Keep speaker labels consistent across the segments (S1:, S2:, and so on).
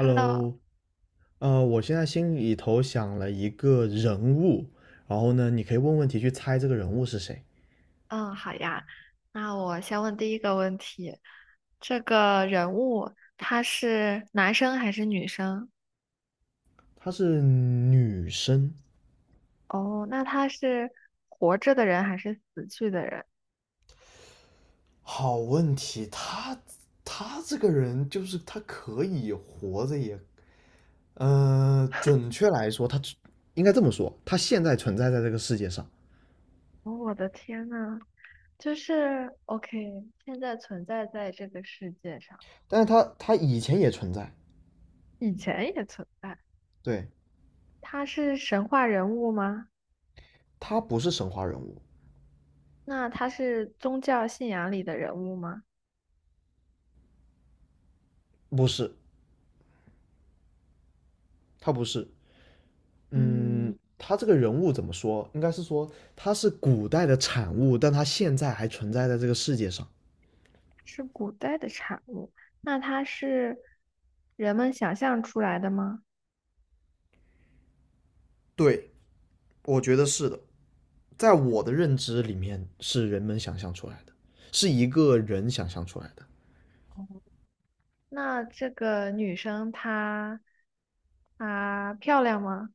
S1: Hello，
S2: 我现在心里头想了一个人物，然后呢，你可以问问题去猜这个人物是谁。
S1: 嗯，好呀。那我先问第一个问题，这个人物他是男生还是女生？
S2: 她是女生。
S1: 哦，那他是活着的人还是死去的人？
S2: 好问题。他这个人就是他可以活着也，呃，准，准确来说，她应该这么说，她现在存在在这个世界上，
S1: 哦，我的天呐，就是 OK,现在存在在这个世界上，
S2: 但是她以前也存在。
S1: 以前也存在。
S2: 对，
S1: 他是神话人物吗？
S2: 她不是神话人物。
S1: 那他是宗教信仰里的人物吗？
S2: 不是，她不是。嗯，
S1: 嗯，
S2: 他这个人物怎么说？应该是说他是古代的产物，但他现在还存在在这个世界上。
S1: 是古代的产物，那它是人们想象出来的吗？
S2: 对，我觉得是的。在我的认知里面，是人们想象出来的，是一个人想象出来的。
S1: 那这个女生她漂亮吗？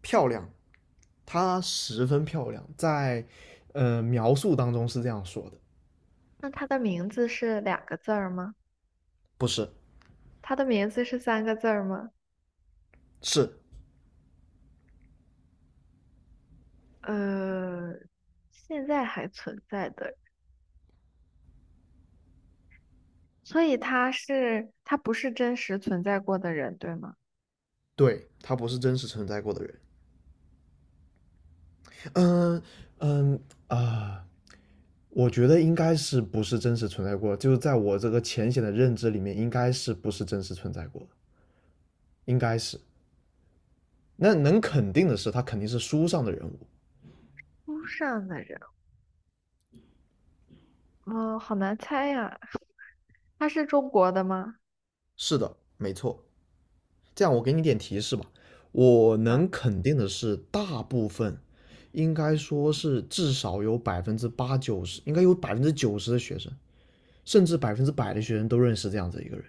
S2: 漂亮，她十分漂亮。在描述当中是这样说的。
S1: 那她的名字是两个字儿吗？
S2: 不是。
S1: 她的名字是三个字儿吗？
S2: 是。
S1: 呃，现在还存在的，所以她不是真实存在过的人，对吗？
S2: 对，她不是真实存在过的人。嗯嗯啊。呃我觉得应该是不是真实存在过，就是在我这个浅显的认知里面，应该是不是真实存在过，应该是。那能肯定的是，他肯定是书上的人物。
S1: 书上的人，哦，好难猜呀。她是中国的吗？
S2: 是的，没错。这样我给你点提示吧。我
S1: 啊，
S2: 能肯定的是，大部分应该说是至少有百分之八九十，应该有百分之九十的学生，甚至百分之百的学生都认识这样子一个人。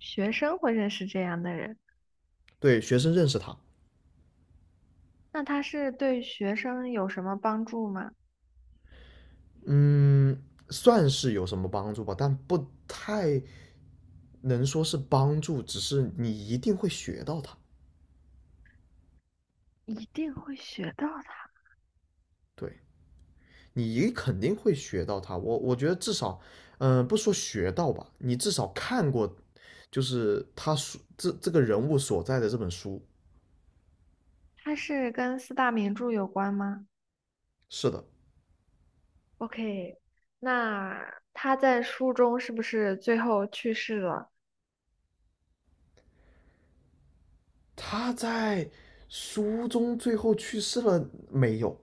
S1: 学生会认识这样的人。
S2: 对，学生认识他。
S1: 那它是对学生有什么帮助吗？
S2: 嗯，算是有什么帮助吧，但不太能说是帮助，只是你一定会学到它。
S1: 一定会学到的。
S2: 对，你肯定会学到它。我觉得至少，不说学到吧，你至少看过，就是他书这个人物所在的这本书。
S1: 它是跟四大名著有关吗
S2: 是的，
S1: ？OK,那他在书中是不是最后去世了
S2: 他在书中最后去世了没有？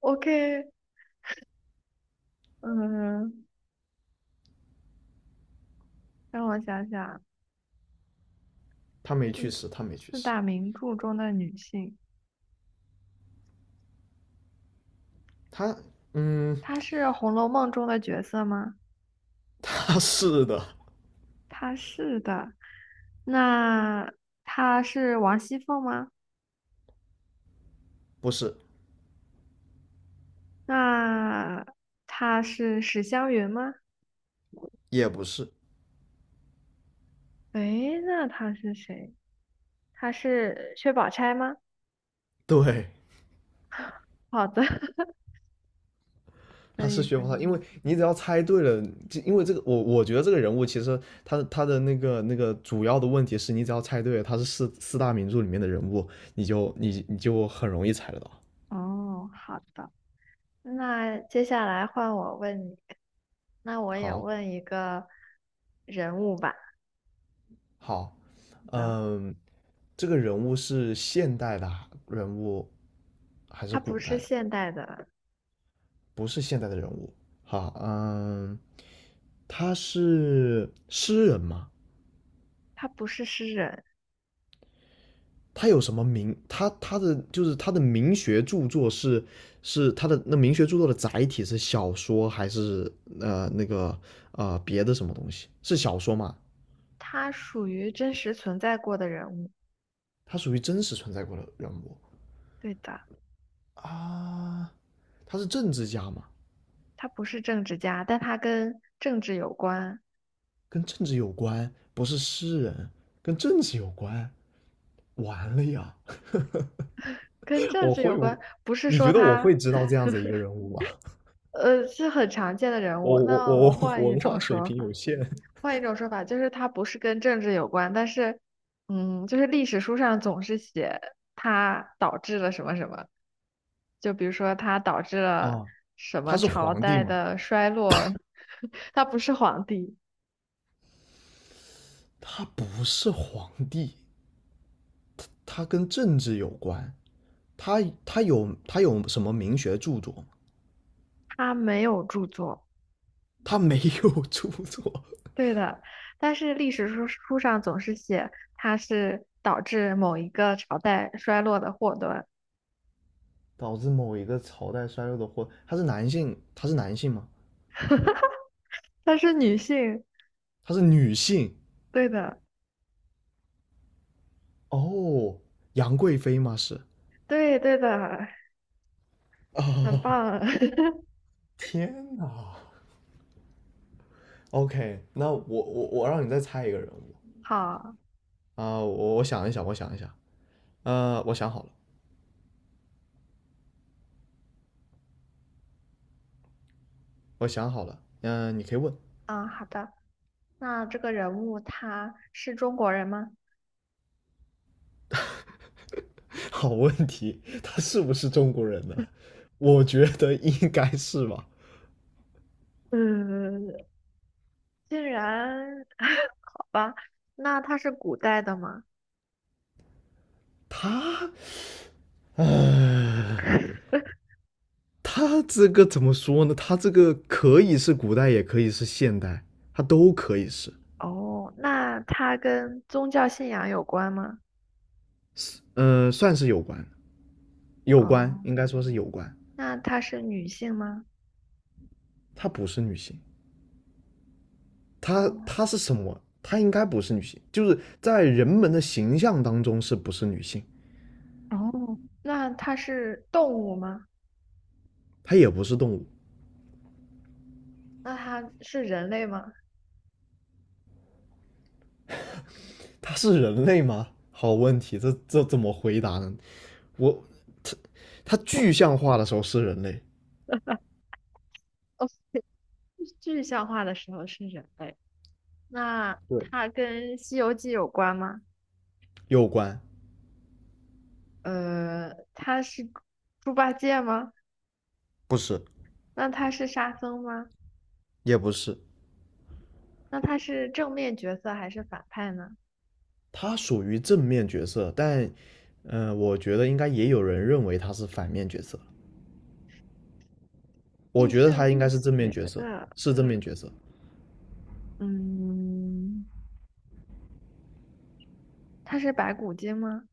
S1: ？OK,嗯，让我想想啊，
S2: 他没去
S1: 嗯，
S2: 世，他没去
S1: 四
S2: 世。
S1: 大名著中的女性，
S2: 他，嗯，
S1: 她是《红楼梦》中的角色吗？
S2: 他是的。
S1: 她是的。那她是王熙凤吗？
S2: 不是。
S1: 那她是史湘云吗？
S2: 也不是。
S1: 诶，那他是谁？他是薛宝钗吗？
S2: 对，
S1: 好的，可
S2: 他是
S1: 以
S2: 薛
S1: 可
S2: 宝钗。因
S1: 以。
S2: 为你只要猜对了，就因为这个我觉得这个人物其实他的那个主要的问题是你只要猜对了他是四大名著里面的人物，你就你就很容易猜得到。
S1: 哦，好的。那接下来换我问你，那我也
S2: 好。
S1: 问一个人物吧。好
S2: 好。
S1: 的，
S2: 嗯，这个人物是现代的人物还是
S1: 他
S2: 古
S1: 不
S2: 代
S1: 是
S2: 的？
S1: 现代的，
S2: 不是现代的人物。好。嗯，他是诗人吗？
S1: 他不是诗人，
S2: 他有什么名？他的名学著作是，是他的那名学著作的载体是小说还是呃那个别的什么东西？是小说吗？
S1: 他属于真实存在过的人物。
S2: 他属于真实存在过的人物。
S1: 对的，
S2: 啊，他是政治家吗？
S1: 他不是政治家，但他跟政治有关，
S2: 跟政治有关，不是诗人。跟政治有关。完了呀！
S1: 跟 政
S2: 我
S1: 治有
S2: 会
S1: 关，
S2: 不？
S1: 不是
S2: 你
S1: 说
S2: 觉得我
S1: 他，
S2: 会知道这样子一个人物吗？
S1: 是很常见的人
S2: 我
S1: 物。
S2: 我
S1: 那
S2: 我
S1: 我换
S2: 我
S1: 一
S2: 文化
S1: 种
S2: 水
S1: 说
S2: 平有
S1: 法。
S2: 限。
S1: 换一种说法，就是它不是跟政治有关，但是，嗯，就是历史书上总是写它导致了什么什么，就比如说它导致了
S2: 啊，
S1: 什
S2: 他
S1: 么
S2: 是
S1: 朝
S2: 皇帝
S1: 代
S2: 吗？
S1: 的衰落，他不是皇帝，
S2: 他不是皇帝，他跟政治有关。他有什么名学著作吗？
S1: 他没有著作，
S2: 他没有著作。
S1: 对的，但是历史书上总是写它是导致某一个朝代衰落的祸端，
S2: 导致某一个朝代衰落的祸。他是男性，他是男性吗？
S1: 她是女性，
S2: 他是女性？
S1: 对的，
S2: 哦，杨贵妃吗？是。
S1: 对对的，很棒，
S2: 天哪！OK，那我让你再猜一个人物。
S1: 好，
S2: 我想一想。我想好了，我想好了。你可以问。
S1: 嗯，好的。那这个人物他是中国人吗？
S2: 好问题，他是不是中国人呢？我觉得应该是吧。
S1: 嗯，竟然，好吧，那他是古代的吗？
S2: 他，唉，他这个怎么说呢？他这个可以是古代，也可以是现代，他都可以是。
S1: 哦，那他跟宗教信仰有关吗？
S2: 算是有关，有关，
S1: 哦，
S2: 应该说是有关。
S1: 那他是女性吗？
S2: 她不是女性。
S1: 哦，
S2: 她应该不是女性，就是在人们的形象当中是不是女性？
S1: 哦，那他是动物吗？
S2: 她也不是动物。
S1: 那他是人类吗？
S2: 她是人类吗？好问题，这这怎么回答呢？我，她她具象化的时候是人类。
S1: 哦，具象化的时候是人类。那
S2: 对，
S1: 他跟《西游记》有关吗？
S2: 有关。
S1: 他是猪八戒吗？
S2: 不是。
S1: 那他是沙僧吗？
S2: 也不是。
S1: 那他是正面角色还是反派呢？
S2: 他属于正面角色，但我觉得应该也有人认为他是反面角色。我
S1: 亦
S2: 觉得
S1: 正
S2: 他应
S1: 亦
S2: 该是正面
S1: 邪
S2: 角色，
S1: 的，
S2: 是正面角色。
S1: 嗯，他是白骨精吗？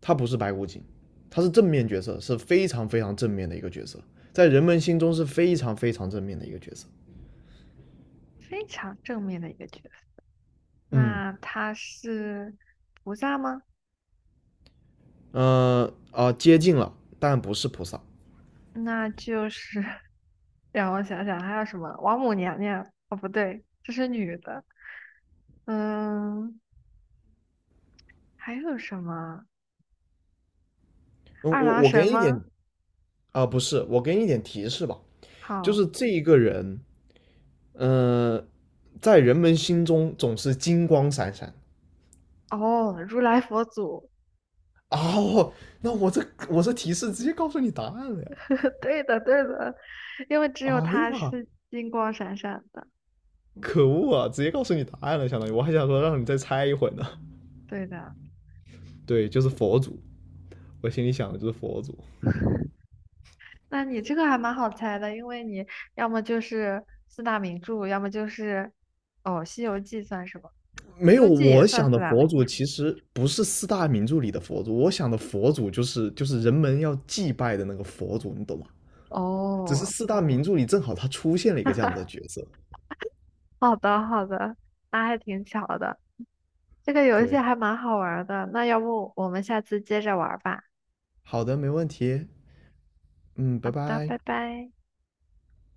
S2: 他不是白骨精。他是正面角色，是非常非常正面的一个角色，在人们心中是非常非常正面的一个角色。
S1: 非常正面的一个角色。
S2: 嗯，
S1: 那他是菩萨吗？
S2: 呃接近了，但不是菩萨。
S1: 那就是 让我想想，还有什么？王母娘娘？哦，不对，这是女的。嗯，还有什么？
S2: 嗯，
S1: 二
S2: 我
S1: 郎
S2: 我给
S1: 神
S2: 你一点。
S1: 吗？
S2: 不是，我给你一点提示吧。就
S1: 好，
S2: 是这一个人。呃，在人们心中总是金光闪闪。
S1: 哦，如来佛祖。
S2: 啊！我这提示直接告诉你答案了呀！
S1: 对的，对的，因为只
S2: 哎
S1: 有他
S2: 呀，
S1: 是金光闪闪的。
S2: 可恶啊！直接告诉你答案了，相当于我还想说让你再猜一会儿呢。
S1: 对的，
S2: 对，就是佛祖，我心里想的就是佛祖。
S1: 那你这个还蛮好猜的，因为你要么就是四大名著，要么就是哦，《西游记》算什么？
S2: 没
S1: 《西
S2: 有，
S1: 游记》也
S2: 我
S1: 算
S2: 想
S1: 四
S2: 的
S1: 大
S2: 佛
S1: 名
S2: 祖其实不是四大名著里的佛祖，我想的佛祖就是人们要祭拜的那个佛祖，你懂吗？
S1: 著。
S2: 只是
S1: 哦，
S2: 四大名著里正好他出现了一个这样子的 角色。
S1: 好的好的，那还挺巧的。这个游戏
S2: 对，
S1: 还蛮好玩儿的，那要不我们下次接着玩儿吧？
S2: 好的，没问题。嗯，
S1: 好
S2: 拜
S1: 的，
S2: 拜。
S1: 拜拜。